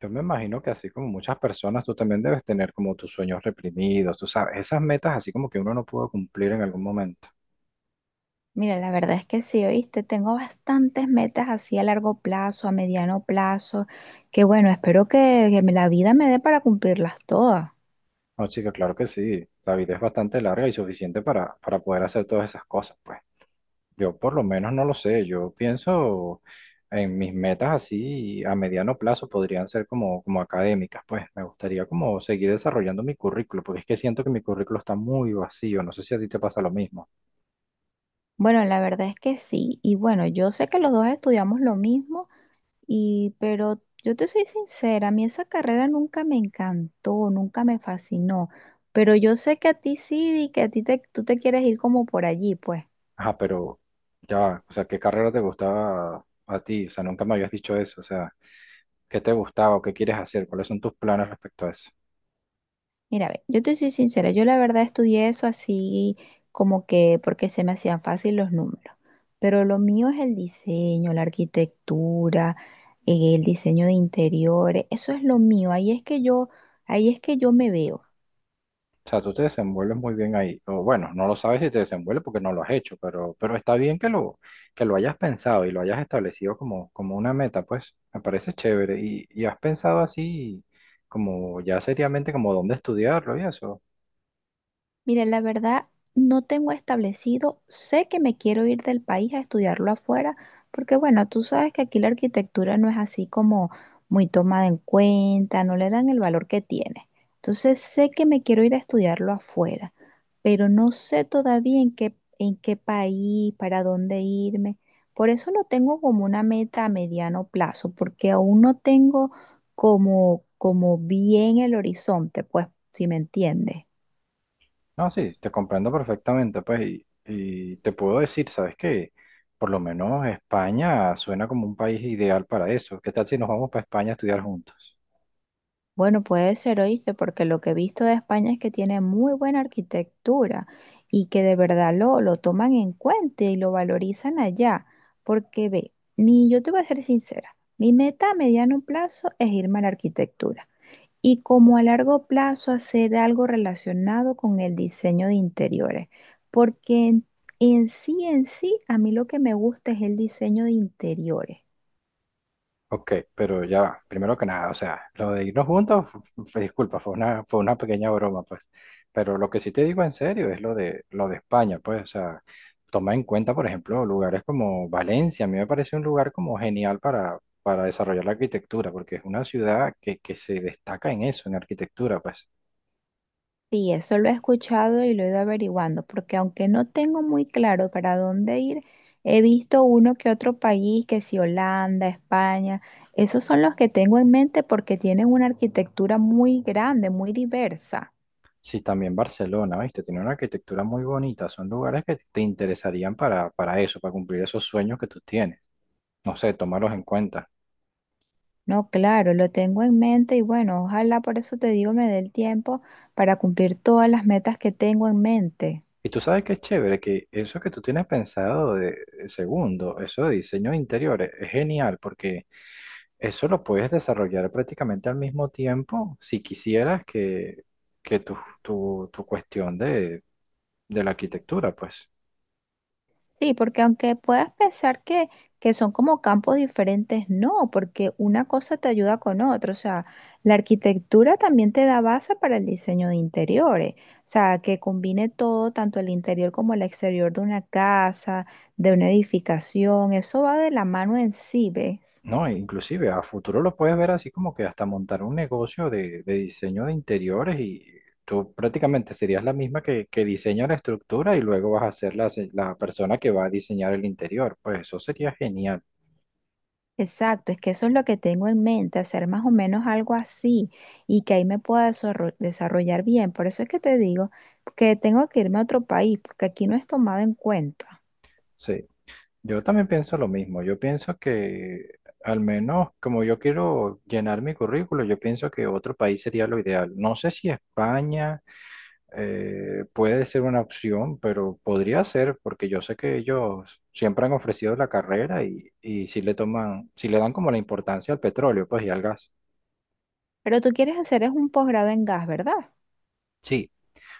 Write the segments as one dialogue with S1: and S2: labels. S1: Yo me imagino que así como muchas personas, tú también debes tener como tus sueños reprimidos, tú sabes, esas metas así como que uno no pudo cumplir en algún momento.
S2: Mira, la verdad es que sí, oíste, tengo bastantes metas así a largo plazo, a mediano plazo, que bueno, espero que la vida me dé para cumplirlas todas.
S1: No, chica, claro que sí, la vida es bastante larga y suficiente para poder hacer todas esas cosas, pues. Yo por lo menos no lo sé, yo pienso en mis metas así a mediano plazo podrían ser como académicas, pues. Me gustaría como seguir desarrollando mi currículo, porque es que siento que mi currículo está muy vacío, no sé si a ti te pasa lo mismo.
S2: Bueno, la verdad es que sí, y bueno, yo sé que los dos estudiamos lo mismo, y pero yo te soy sincera, a mí esa carrera nunca me encantó, nunca me fascinó, pero yo sé que a ti sí y que tú te quieres ir como por allí, pues.
S1: Ajá, pero ya, va, o sea, ¿qué carrera te gustaba a ti? O sea, nunca me habías dicho eso. O sea, ¿qué te gustaba o qué quieres hacer? ¿Cuáles son tus planes respecto a eso?
S2: Mira, ve, yo te soy sincera, yo la verdad estudié eso así como que porque se me hacían fácil los números, pero lo mío es el diseño, la arquitectura, el diseño de interiores, eso es lo mío, ahí es que yo me veo.
S1: O sea, tú te desenvuelves muy bien ahí. O bueno, no lo sabes si te desenvuelves porque no lo has hecho, pero está bien que lo hayas pensado y lo hayas establecido como una meta, pues me parece chévere. Y has pensado así como ya seriamente como dónde estudiarlo y eso.
S2: Mire, la verdad, no tengo establecido, sé que me quiero ir del país a estudiarlo afuera, porque bueno, tú sabes que aquí la arquitectura no es así como muy tomada en cuenta, no le dan el valor que tiene. Entonces sé que me quiero ir a estudiarlo afuera, pero no sé todavía en qué país, para dónde irme. Por eso no tengo como una meta a mediano plazo, porque aún no tengo como bien el horizonte, pues, si me entiendes.
S1: No, sí, te comprendo perfectamente, pues, y te puedo decir, ¿sabes qué? Por lo menos España suena como un país ideal para eso. ¿Qué tal si nos vamos para España a estudiar juntos?
S2: Bueno, puede ser, oíste, porque lo que he visto de España es que tiene muy buena arquitectura y que de verdad lo toman en cuenta y lo valorizan allá. Porque ve, mi, yo te voy a ser sincera, mi meta a mediano plazo es irme a la arquitectura y como a largo plazo hacer algo relacionado con el diseño de interiores. Porque en sí, a mí lo que me gusta es el diseño de interiores.
S1: Ok, pero ya va, primero que nada, o sea, lo de irnos juntos, disculpa, fue una pequeña broma, pues, pero lo que sí te digo en serio es lo de España, pues, o sea, toma en cuenta, por ejemplo, lugares como Valencia, a mí me parece un lugar como genial para desarrollar la arquitectura, porque es una ciudad que se destaca en eso, en arquitectura, pues.
S2: Sí, eso lo he escuchado y lo he ido averiguando, porque aunque no tengo muy claro para dónde ir, he visto uno que otro país, que si Holanda, España, esos son los que tengo en mente porque tienen una arquitectura muy grande, muy diversa.
S1: Sí, también Barcelona, ¿viste? Tiene una arquitectura muy bonita. Son lugares que te interesarían para eso, para cumplir esos sueños que tú tienes. No sé, tomarlos en cuenta.
S2: No, claro, lo tengo en mente y bueno, ojalá por eso te digo me dé el tiempo para cumplir todas las metas que tengo en mente.
S1: Y tú sabes que es chévere, que eso que tú tienes pensado de segundo, eso de diseño de interiores, es genial porque eso lo puedes desarrollar prácticamente al mismo tiempo si quisieras que tu cuestión de la arquitectura, pues.
S2: Sí, porque aunque puedas pensar que son como campos diferentes, no, porque una cosa te ayuda con otra. O sea, la arquitectura también te da base para el diseño de interiores. O sea, que combine todo, tanto el interior como el exterior de una casa, de una edificación. Eso va de la mano en sí, ¿ves?
S1: No, e inclusive a futuro lo puedes ver así como que hasta montar un negocio de diseño de interiores y tú prácticamente serías la misma que diseña la estructura y luego vas a ser la, la persona que va a diseñar el interior. Pues eso sería genial.
S2: Exacto, es que eso es lo que tengo en mente, hacer más o menos algo así y que ahí me pueda desarrollar bien. Por eso es que te digo que tengo que irme a otro país, porque aquí no es tomado en cuenta.
S1: Sí, yo también pienso lo mismo. Yo pienso que al menos como yo quiero llenar mi currículo, yo pienso que otro país sería lo ideal. No sé si España. Puede ser una opción, pero podría ser, porque yo sé que ellos siempre han ofrecido la carrera y si le toman, si le dan como la importancia al petróleo, pues y al gas.
S2: Pero tú quieres hacer es un posgrado en gas, ¿verdad?
S1: Sí,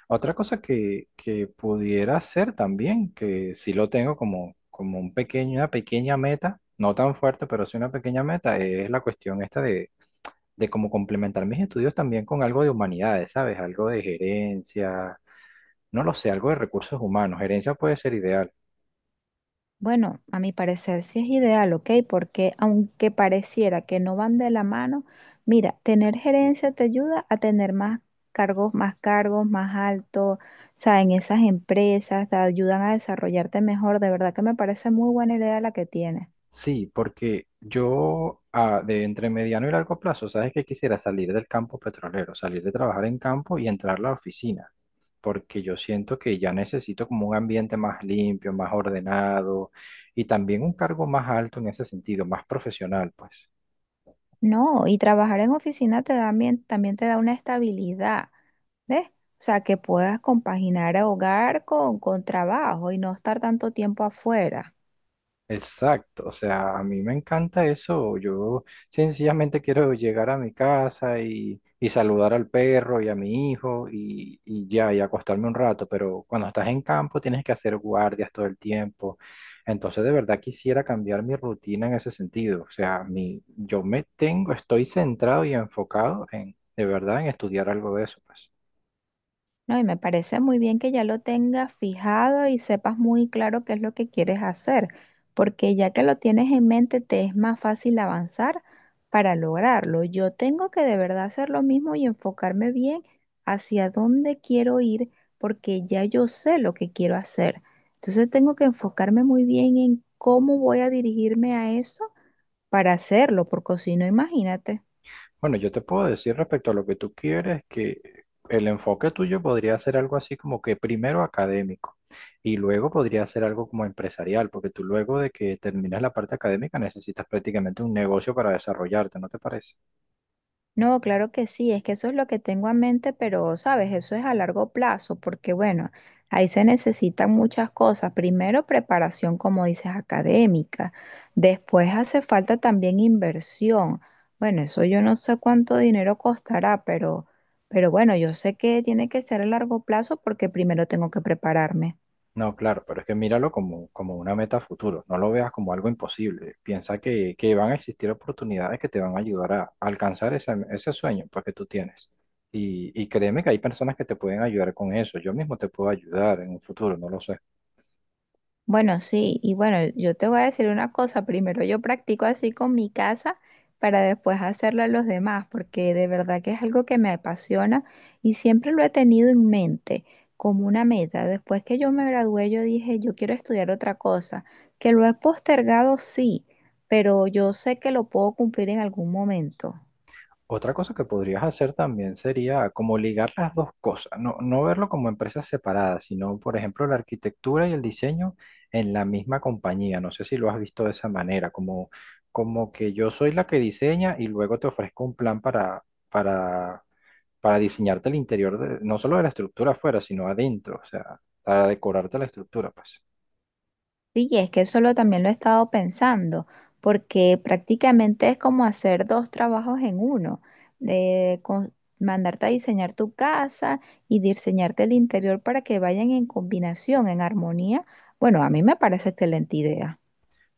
S1: otra cosa que pudiera ser también, que si lo tengo como un pequeño, una pequeña meta, no tan fuerte, pero sí una pequeña meta, es la cuestión esta de cómo complementar mis estudios también con algo de humanidades, ¿sabes? Algo de gerencia, no lo sé, algo de recursos humanos. Gerencia puede ser ideal.
S2: Bueno, a mi parecer sí es ideal, ¿ok? Porque aunque pareciera que no van de la mano, mira, tener gerencia te ayuda a tener más cargos, más altos, o sea, en esas empresas te ayudan a desarrollarte mejor. De verdad que me parece muy buena idea la que tienes.
S1: Sí, porque yo de entre mediano y largo plazo, sabes que quisiera salir del campo petrolero, salir de trabajar en campo y entrar a la oficina, porque yo siento que ya necesito como un ambiente más limpio, más ordenado y también un cargo más alto en ese sentido, más profesional, pues.
S2: No, y trabajar en oficina te da también te da una estabilidad, ¿ves? O sea, que puedas compaginar hogar con trabajo y no estar tanto tiempo afuera.
S1: Exacto, o sea, a mí me encanta eso. Yo sencillamente quiero llegar a mi casa y saludar al perro y a mi hijo y ya, y acostarme un rato, pero cuando estás en campo tienes que hacer guardias todo el tiempo. Entonces, de verdad quisiera cambiar mi rutina en ese sentido. O sea, mi, yo me tengo, estoy centrado y enfocado en, de verdad, en estudiar algo de eso, pues.
S2: No, y me parece muy bien que ya lo tengas fijado y sepas muy claro qué es lo que quieres hacer, porque ya que lo tienes en mente, te es más fácil avanzar para lograrlo. Yo tengo que de verdad hacer lo mismo y enfocarme bien hacia dónde quiero ir, porque ya yo sé lo que quiero hacer. Entonces tengo que enfocarme muy bien en cómo voy a dirigirme a eso para hacerlo, porque si no, imagínate.
S1: Bueno, yo te puedo decir respecto a lo que tú quieres que el enfoque tuyo podría ser algo así como que primero académico y luego podría ser algo como empresarial, porque tú luego de que terminas la parte académica necesitas prácticamente un negocio para desarrollarte, ¿no te parece?
S2: No, claro que sí, es que eso es lo que tengo en mente, pero sabes, eso es a largo plazo, porque bueno, ahí se necesitan muchas cosas. Primero, preparación, como dices, académica. Después hace falta también inversión. Bueno, eso yo no sé cuánto dinero costará, pero bueno, yo sé que tiene que ser a largo plazo porque primero tengo que prepararme.
S1: No, claro, pero es que míralo como una meta a futuro, no lo veas como algo imposible, piensa que van a existir oportunidades que te van a ayudar a alcanzar ese, ese sueño pues, que tú tienes. Y créeme que hay personas que te pueden ayudar con eso, yo mismo te puedo ayudar en un futuro, no lo sé.
S2: Bueno, sí, y bueno, yo te voy a decir una cosa, primero yo practico así con mi casa para después hacerlo a los demás, porque de verdad que es algo que me apasiona y siempre lo he tenido en mente como una meta. Después que yo me gradué, yo dije, yo quiero estudiar otra cosa, que lo he postergado, sí, pero yo sé que lo puedo cumplir en algún momento.
S1: Otra cosa que podrías hacer también sería como ligar las dos cosas, no, no verlo como empresas separadas, sino, por ejemplo, la arquitectura y el diseño en la misma compañía. No sé si lo has visto de esa manera, como, como que yo soy la que diseña y luego te ofrezco un plan para, para diseñarte el interior, no solo de la estructura afuera, sino adentro, o sea, para decorarte la estructura, pues.
S2: Sí, y es que eso lo, también lo he estado pensando, porque prácticamente es como hacer dos trabajos en uno, de con- mandarte a diseñar tu casa y diseñarte el interior para que vayan en combinación, en armonía. Bueno, a mí me parece excelente idea.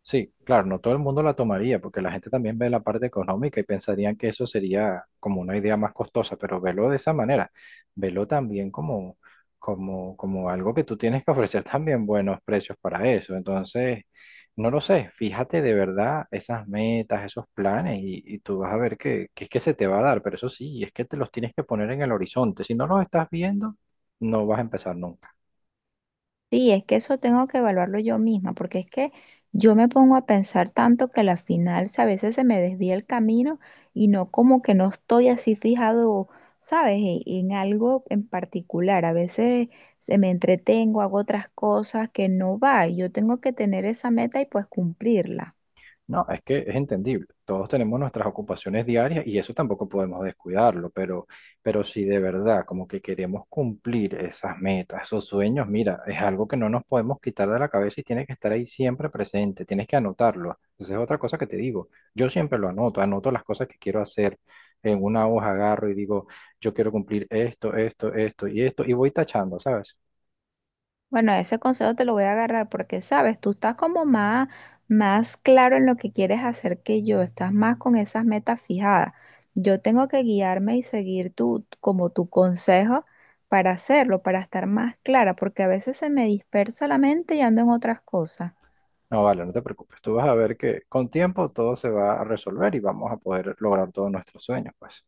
S1: Sí, claro, no todo el mundo la tomaría, porque la gente también ve la parte económica y pensarían que eso sería como una idea más costosa, pero velo de esa manera, velo también como, como, como algo que tú tienes que ofrecer también buenos precios para eso. Entonces, no lo sé, fíjate de verdad esas metas, esos planes, y tú vas a ver que es que se te va a dar, pero eso sí, es que te los tienes que poner en el horizonte. Si no los estás viendo, no vas a empezar nunca.
S2: Sí, es que eso tengo que evaluarlo yo misma, porque es que yo me pongo a pensar tanto que a la final, si a veces se me desvía el camino y no como que no estoy así fijado, ¿sabes? En algo en particular. A veces se me entretengo, hago otras cosas que no va. Y yo tengo que tener esa meta y pues cumplirla.
S1: No, es que es entendible. Todos tenemos nuestras ocupaciones diarias y eso tampoco podemos descuidarlo, pero si de verdad como que queremos cumplir esas metas, esos sueños, mira, es algo que no nos podemos quitar de la cabeza y tiene que estar ahí siempre presente, tienes que anotarlo. Esa es otra cosa que te digo. Yo siempre lo anoto, anoto las cosas que quiero hacer. En una hoja agarro y digo, yo quiero cumplir esto, esto, esto y esto, y voy tachando, ¿sabes?
S2: Bueno, ese consejo te lo voy a agarrar porque, sabes, tú estás como más, más claro en lo que quieres hacer que yo, estás más con esas metas fijadas. Yo tengo que guiarme y seguir como tu consejo para hacerlo, para estar más clara, porque a veces se me dispersa la mente y ando en otras cosas.
S1: No, vale, no te preocupes. Tú vas a ver que con tiempo todo se va a resolver y vamos a poder lograr todos nuestros sueños, pues.